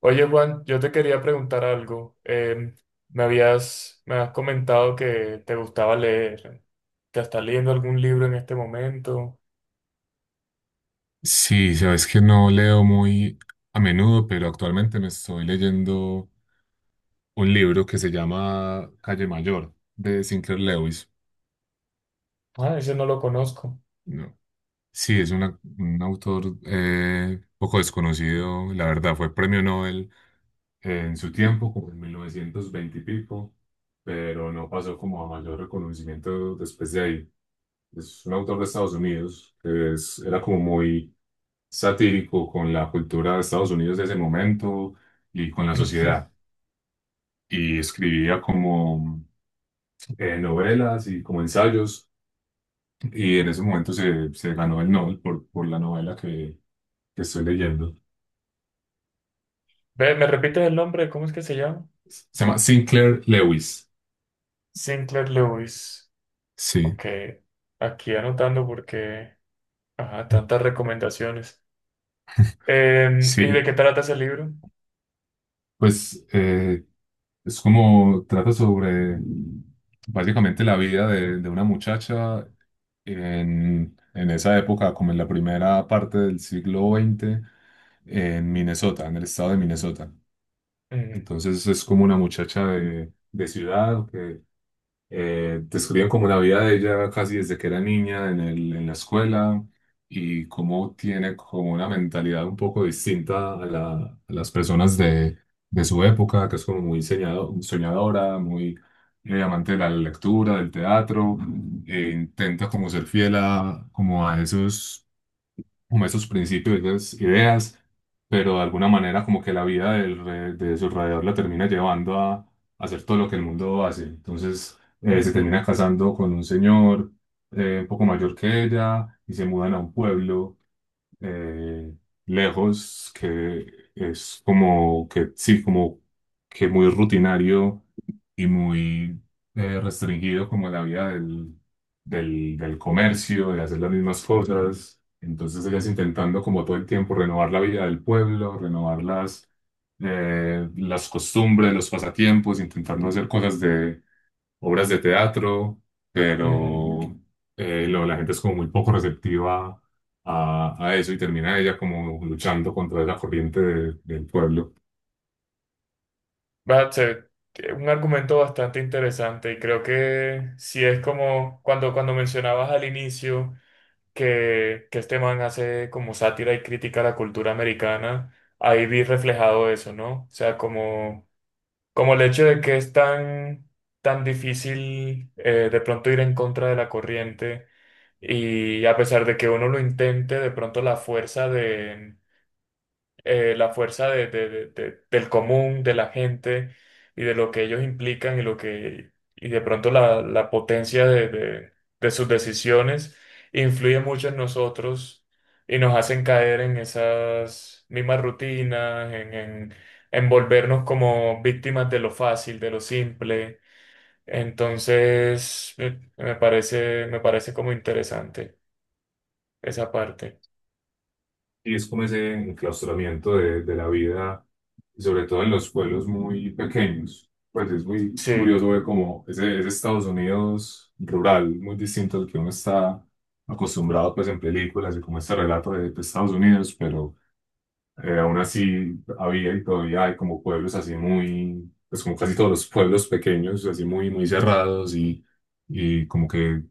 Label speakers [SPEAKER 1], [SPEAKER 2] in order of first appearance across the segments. [SPEAKER 1] Oye, Juan, yo te quería preguntar algo. Me has comentado que te gustaba leer. ¿Te estás leyendo algún libro en este momento?
[SPEAKER 2] Sí, sabes que no leo muy a menudo, pero actualmente me estoy leyendo un libro que se llama Calle Mayor de Sinclair Lewis.
[SPEAKER 1] Ah, ese no lo conozco.
[SPEAKER 2] No. Sí, es un autor poco desconocido, la verdad, fue premio Nobel en su tiempo, como en 1920 y pico, pero no pasó como a mayor reconocimiento después de ahí. Es un autor de Estados Unidos, que es, era como muy satírico con la cultura de Estados Unidos de ese momento y con la sociedad. Y escribía como novelas y como ensayos. Y en ese momento se ganó el Nobel por la novela que estoy leyendo.
[SPEAKER 1] Ve, ¿me repites el nombre? ¿Cómo es que se llama?
[SPEAKER 2] Se llama Sinclair Lewis.
[SPEAKER 1] Sinclair Lewis.
[SPEAKER 2] Sí,
[SPEAKER 1] Ok, aquí anotando porque, ajá, tantas recomendaciones. ¿Y de
[SPEAKER 2] sí.
[SPEAKER 1] qué trata ese libro?
[SPEAKER 2] Pues es como trata sobre básicamente la vida de una muchacha en esa época, como en la primera parte del siglo veinte en Minnesota, en el estado de Minnesota.
[SPEAKER 1] Mm,
[SPEAKER 2] Entonces es como una muchacha de ciudad que describen como la vida de ella casi desde que era niña en el, en la escuela y cómo tiene como una mentalidad un poco distinta a a las personas de su época, que es como muy soñadora, muy amante de la lectura, del teatro, intenta como ser fiel a, como a esos como esos principios, esas ideas, pero de alguna manera como que la vida de su alrededor la termina llevando a hacer todo lo que el mundo hace. Entonces se
[SPEAKER 1] mm,
[SPEAKER 2] termina casando con un señor un poco mayor que ella y se mudan a un pueblo eh, lejos que es como que sí, como que muy rutinario y muy restringido como la vida del comercio, de hacer las mismas cosas. Entonces ellas intentando como todo el tiempo renovar la vida del pueblo, renovar las costumbres, los pasatiempos, intentando hacer cosas de obras de teatro,
[SPEAKER 1] mm.
[SPEAKER 2] pero la gente es como muy poco receptiva a eso y termina ella como luchando contra la corriente del pueblo.
[SPEAKER 1] Va a ser un argumento bastante interesante y creo que si es como cuando mencionabas al inicio que este man hace como sátira y crítica a la cultura americana, ahí vi reflejado eso, ¿no? O sea, como, como el hecho de que es tan difícil de pronto ir en contra de la corriente y a pesar de que uno lo intente, de pronto la fuerza de la fuerza del común, de la gente y de lo que ellos implican y lo que y de pronto la potencia de sus decisiones influye mucho en nosotros y nos hacen caer en esas mismas rutinas, en volvernos como víctimas de lo fácil, de lo simple. Entonces, me parece como interesante esa parte.
[SPEAKER 2] Y es como ese enclaustramiento de la vida, y sobre todo en los pueblos muy pequeños. Pues es muy
[SPEAKER 1] Sí.
[SPEAKER 2] curioso ver como ese Estados Unidos rural, muy distinto al que uno está acostumbrado pues en películas y como este relato de Estados Unidos, pero aún así había y todavía hay como pueblos así muy, pues como casi todos los pueblos pequeños, así muy, muy cerrados y como que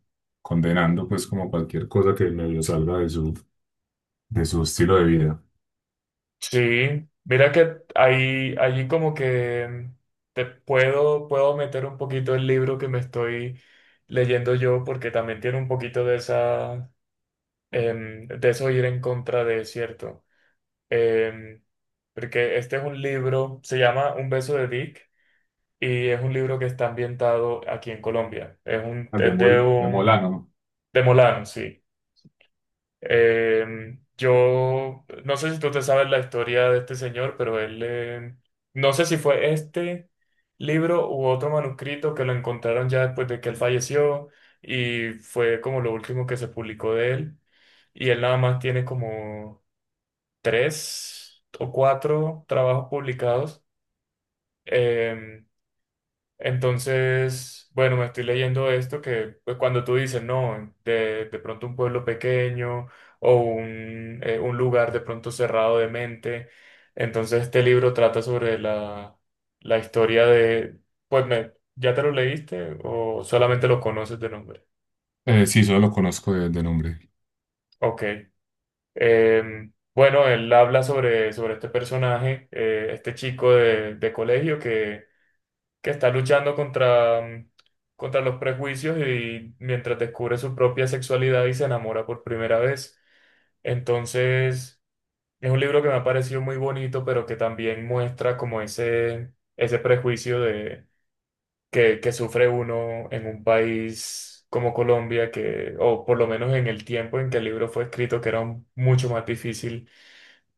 [SPEAKER 2] condenando pues como cualquier cosa que medio salga de su estilo de vida.
[SPEAKER 1] Sí, mira que ahí, allí como que puedo meter un poquito el libro que me estoy leyendo yo, porque también tiene un poquito de de eso ir en contra de cierto. Em, porque este es un libro, se llama Un beso de Dick, y es un libro que está ambientado aquí en Colombia.
[SPEAKER 2] Ah,
[SPEAKER 1] Es de
[SPEAKER 2] De
[SPEAKER 1] un,
[SPEAKER 2] Molano.
[SPEAKER 1] de Molano, sí. Yo no sé si tú te sabes la historia de este señor, pero él, no sé si fue este libro u otro manuscrito que lo encontraron ya después de que él falleció y fue como lo último que se publicó de él. Y él nada más tiene como tres o cuatro trabajos publicados. Em, entonces, bueno, me estoy leyendo esto que pues, cuando tú dices, no, de pronto un pueblo pequeño o un lugar de pronto cerrado de mente, entonces este libro trata sobre la historia de, pues, me- ¿ya te lo leíste o solamente lo conoces de nombre?
[SPEAKER 2] Sí, solo lo conozco de nombre.
[SPEAKER 1] Ok. Bueno, él habla sobre este personaje, este chico de colegio que está luchando contra, mm, contra los prejuicios y mientras descubre su propia sexualidad y se enamora por primera vez. Entonces, es un libro que me ha parecido muy bonito, pero que también muestra como ese prejuicio de, que sufre uno en un país como Colombia, que, o por lo menos en el tiempo en que el libro fue escrito, que era un- mucho más difícil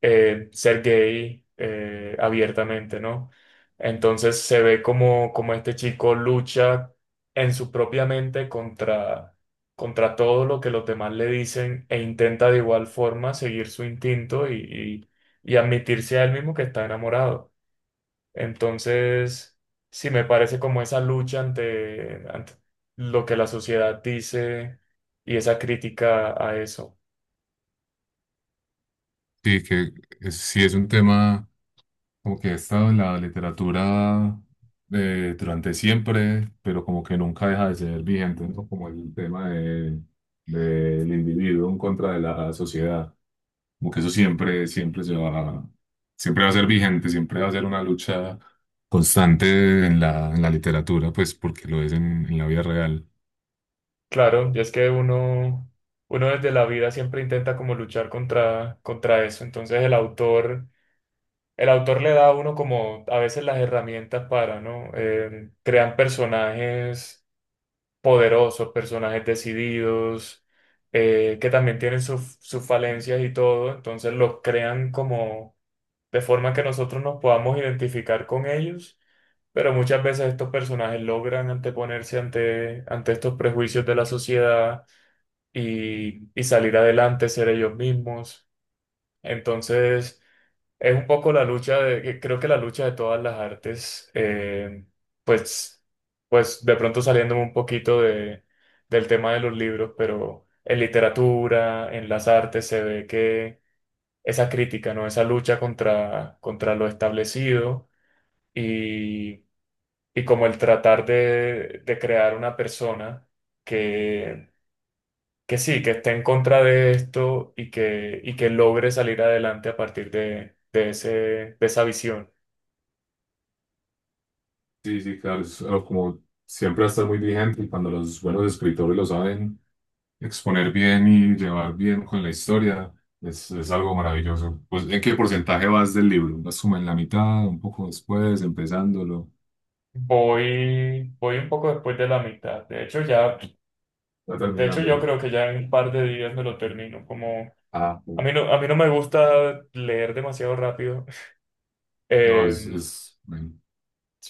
[SPEAKER 1] ser gay abiertamente, ¿no? Entonces se ve como, como este chico lucha en su propia mente contra, contra todo lo que los demás le dicen e intenta de igual forma seguir su instinto y admitirse a él mismo que está enamorado. Entonces, sí me parece como esa lucha ante, ante lo que la sociedad dice y esa crítica a eso.
[SPEAKER 2] Sí, que sí es un tema como que ha estado en la literatura durante siempre, pero como que nunca deja de ser vigente, ¿no? Como el tema del individuo en contra de la sociedad. Como que eso siempre, siempre se va, siempre va a ser vigente, siempre va a ser una lucha constante en la literatura, pues porque lo es en la vida real.
[SPEAKER 1] Claro, y es que uno, uno desde la vida siempre intenta como luchar contra, contra eso. Entonces el autor le da a uno como a veces las herramientas para, ¿no? Crean personajes poderosos, personajes decididos, que también tienen sus falencias y todo. Entonces los crean como de forma que nosotros nos podamos identificar con ellos. Pero muchas veces estos personajes logran anteponerse ante, ante estos prejuicios de la sociedad y salir adelante, ser ellos mismos. Entonces, es un poco la lucha de, que creo que la lucha de todas las artes, pues, pues de pronto saliéndome un poquito de, del tema de los libros, pero en literatura, en las artes, se ve que esa crítica, ¿no? Esa lucha contra, contra lo establecido y, y como el tratar de crear una persona que sí, que esté en contra de esto y que logre salir adelante a partir de ese, de esa visión.
[SPEAKER 2] Sí, sí, claro, es algo como siempre va a estar muy vigente y cuando los buenos escritores lo saben exponer bien y llevar bien con la historia, es algo maravilloso. Pues, ¿en qué porcentaje vas del libro? ¿Vas como en la mitad, un poco después, empezándolo,
[SPEAKER 1] Voy un poco después de la mitad. De hecho, ya,
[SPEAKER 2] ya
[SPEAKER 1] de hecho, yo
[SPEAKER 2] terminándolo?
[SPEAKER 1] creo que ya en un par de días me lo termino. Como
[SPEAKER 2] Ah, sí.
[SPEAKER 1] a mí no me gusta leer demasiado rápido.
[SPEAKER 2] No,
[SPEAKER 1] Eh,
[SPEAKER 2] es, bueno.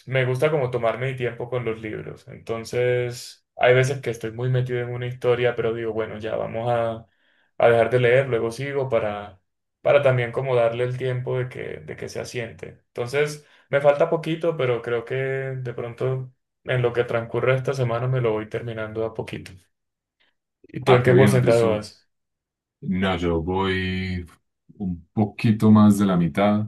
[SPEAKER 1] me gusta como tomarme mi tiempo con los libros. Entonces, hay veces que estoy muy metido en una historia, pero digo, bueno, ya vamos a dejar de leer, luego sigo para también como darle el tiempo de de que se asiente. Entonces, me falta poquito, pero creo que de pronto en lo que transcurre esta semana me lo voy terminando a poquito. ¿Y tú
[SPEAKER 2] Ah,
[SPEAKER 1] en
[SPEAKER 2] qué
[SPEAKER 1] qué
[SPEAKER 2] bien,
[SPEAKER 1] porcentaje
[SPEAKER 2] eso.
[SPEAKER 1] vas?
[SPEAKER 2] No, yo voy un poquito más de la mitad,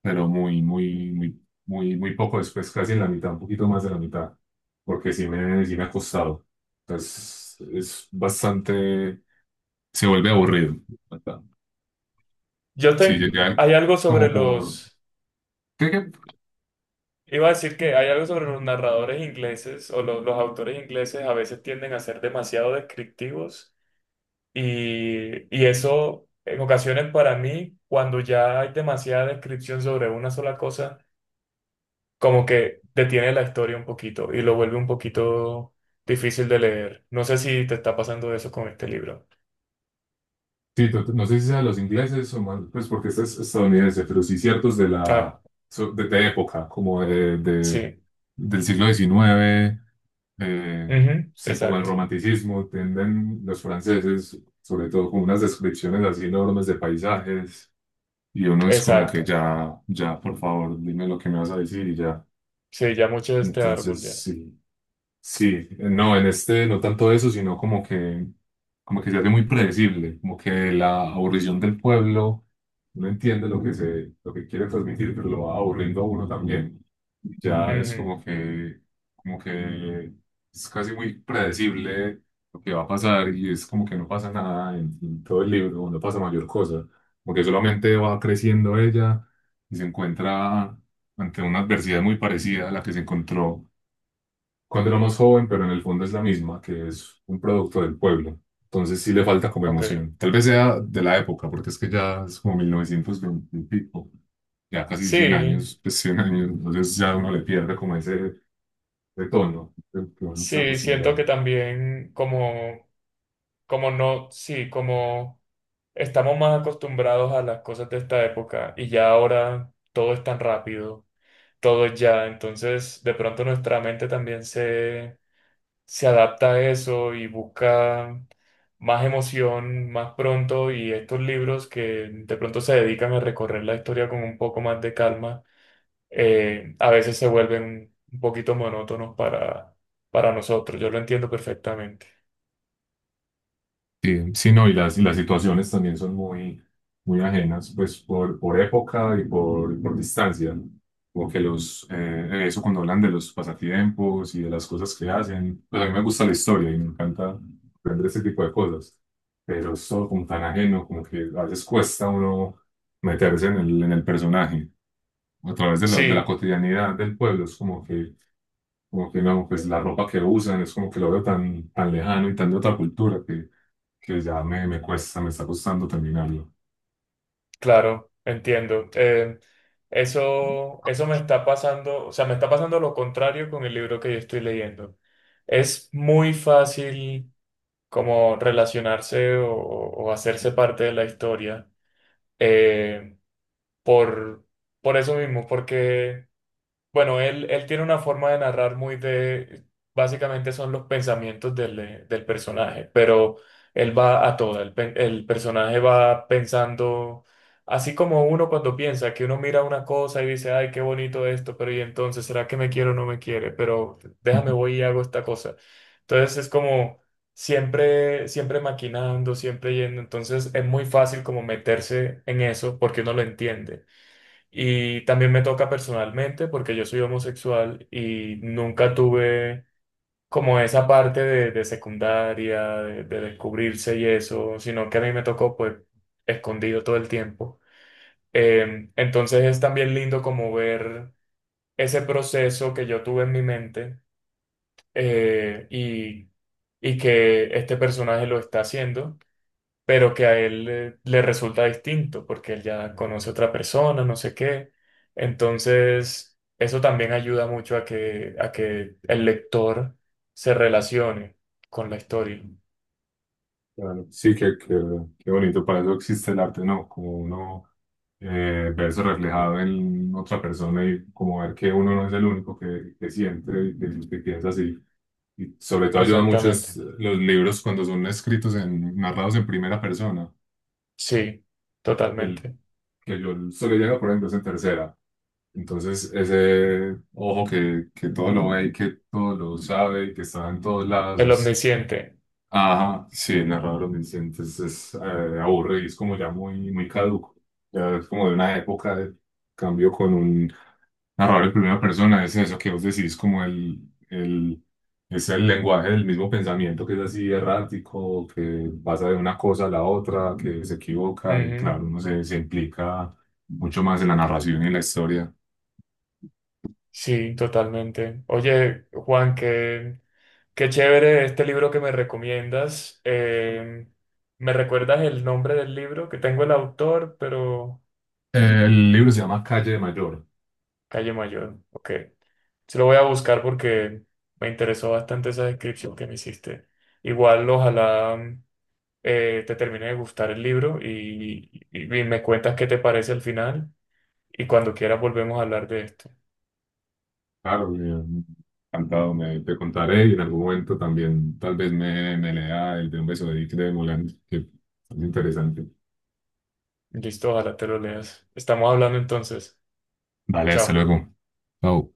[SPEAKER 2] pero muy, muy, muy, muy, muy poco después, casi en la mitad, un poquito más de la mitad, porque sí me ha costado. Entonces, es bastante, se vuelve aburrido. ¿Verdad?
[SPEAKER 1] Yo
[SPEAKER 2] Sí,
[SPEAKER 1] tengo,
[SPEAKER 2] llega
[SPEAKER 1] hay algo sobre
[SPEAKER 2] como por,
[SPEAKER 1] los...
[SPEAKER 2] creo que,
[SPEAKER 1] Iba a decir que hay algo sobre los narradores ingleses o lo- los autores ingleses a veces tienden a ser demasiado descriptivos y eso en ocasiones para mí, cuando ya hay demasiada descripción sobre una sola cosa, como que detiene la historia un poquito y lo vuelve un poquito difícil de leer. No sé si te está pasando eso con este libro.
[SPEAKER 2] sí, no sé si sea los ingleses o más, pues porque este es estadounidense, pero sí ciertos de
[SPEAKER 1] Ah,
[SPEAKER 2] la, de época, como
[SPEAKER 1] sí.
[SPEAKER 2] del siglo diecinueve. Eh,
[SPEAKER 1] Ujú,
[SPEAKER 2] sí, como el
[SPEAKER 1] exacto.
[SPEAKER 2] romanticismo, tienden los franceses, sobre todo con unas descripciones así enormes de paisajes, y uno es como que
[SPEAKER 1] Exacto.
[SPEAKER 2] ya, ya, por favor, dime lo que me vas a decir y ya.
[SPEAKER 1] Sí, ya mucho de este árbol
[SPEAKER 2] Entonces,
[SPEAKER 1] ya.
[SPEAKER 2] sí, sí, no, en este no tanto eso, sino como que se hace muy predecible, como que la aburrición del pueblo, uno entiende lo que se, lo que quiere transmitir, pero lo va aburriendo a uno también. Ya es
[SPEAKER 1] Ujú,
[SPEAKER 2] como que es casi muy predecible lo que va a pasar y es como que no pasa nada en, en todo el libro, no pasa mayor cosa, porque solamente va creciendo ella y se encuentra ante una adversidad muy parecida a la que se encontró cuando era más joven, pero en el fondo es la misma, que es un producto del pueblo. Entonces sí le falta como
[SPEAKER 1] ok.
[SPEAKER 2] emoción. Tal vez sea de la época, porque es que ya es como 1920 y pico, ya casi 100
[SPEAKER 1] Sí,
[SPEAKER 2] años, pues 100 años, entonces ya uno le pierde como ese tono que uno está
[SPEAKER 1] sí, siento
[SPEAKER 2] acostumbrado.
[SPEAKER 1] que también como, como no, sí, como estamos más acostumbrados a las cosas de esta época y ya ahora todo es tan rápido, todo es ya, entonces de pronto nuestra mente también se adapta a eso y busca más emoción más pronto y estos libros que de pronto se dedican a recorrer la historia con un poco más de calma, a veces se vuelven un poquito monótonos para nosotros, yo lo entiendo perfectamente.
[SPEAKER 2] Sí, sí, no, y las situaciones también son muy, muy ajenas, pues por época y por distancia, ¿no? Como que los, eso cuando hablan de los pasatiempos y de las cosas que hacen, pues a mí me gusta la historia y me encanta aprender ese tipo de cosas, pero es todo como tan ajeno, como que a veces cuesta uno meterse en el personaje. A través de la
[SPEAKER 1] Sí,
[SPEAKER 2] cotidianidad del pueblo, es como que no, pues la ropa que usan es como que lo veo tan, tan lejano y tan de otra cultura que ya me cuesta, me está costando terminarlo.
[SPEAKER 1] claro, entiendo. Eso, eso me está pasando, o sea, me está pasando lo contrario con el libro que yo estoy leyendo. Es muy fácil como relacionarse o hacerse parte de la historia eh, por, por eso mismo, porque bueno, él tiene una forma de narrar muy de, básicamente son los pensamientos del, del personaje, pero él va a toda, el, pe- el personaje va pensando, así como uno cuando piensa que uno mira una cosa y dice, ay, qué bonito esto, pero y entonces, ¿será que me quiere o no me quiere? Pero déjame, voy y hago esta cosa. Entonces es como siempre, siempre maquinando, siempre yendo, entonces es muy fácil como meterse en eso porque uno lo entiende. Y también me toca personalmente porque yo soy homosexual y nunca tuve como esa parte de secundaria, de descubrirse y eso, sino que a mí me tocó pues escondido todo el tiempo. Entonces es también lindo como ver ese proceso que yo tuve en mi mente eh, y, y que este personaje lo está haciendo pero que a él le resulta distinto porque él ya conoce otra persona, no sé qué. Entonces, eso también ayuda mucho a a que el lector se relacione con la historia.
[SPEAKER 2] Claro. Sí, qué, qué, qué bonito, para eso existe el arte, ¿no? Como uno verse reflejado en otra persona y como ver que uno no es el único que siente y que piensa así. Y sobre todo ayuda mucho
[SPEAKER 1] Exactamente.
[SPEAKER 2] es los libros cuando son escritos en, narrados en primera persona.
[SPEAKER 1] Sí,
[SPEAKER 2] El
[SPEAKER 1] totalmente.
[SPEAKER 2] que yo solo llega, por ejemplo, es en tercera. Entonces, ese ojo que todo lo ve y que todo lo sabe y que está en todos lados
[SPEAKER 1] El
[SPEAKER 2] es.
[SPEAKER 1] omnisciente.
[SPEAKER 2] Ajá, sí, narrador dice, es, aburre y es como ya muy, muy caduco. Ya es como de una época de cambio con un narrador en primera persona, es eso que vos decís, como el, es el lenguaje del mismo pensamiento que es así errático, que pasa de una cosa a la otra, que se equivoca y
[SPEAKER 1] Ujú.
[SPEAKER 2] claro, uno se, se implica mucho más en la narración y en la historia.
[SPEAKER 1] Sí, totalmente. Oye, Juan, qué, qué chévere este libro que me recomiendas. ¿Me recuerdas el nombre del libro? Que tengo el autor, pero...
[SPEAKER 2] El libro se llama Calle Mayor.
[SPEAKER 1] Calle Mayor, ok. Se lo voy a buscar porque me interesó bastante esa descripción que me hiciste. Igual, ojalá mm, te termine de gustar el libro y me cuentas qué te parece al final y cuando quieras volvemos a hablar de esto.
[SPEAKER 2] Claro, me encantado, me, te contaré y en algún momento también tal vez me, me lea el de Un beso de Dick de Moulin, que es interesante.
[SPEAKER 1] Listo, ojalá te lo leas. Estamos hablando entonces.
[SPEAKER 2] Vale, hasta
[SPEAKER 1] Chao.
[SPEAKER 2] luego. Chao.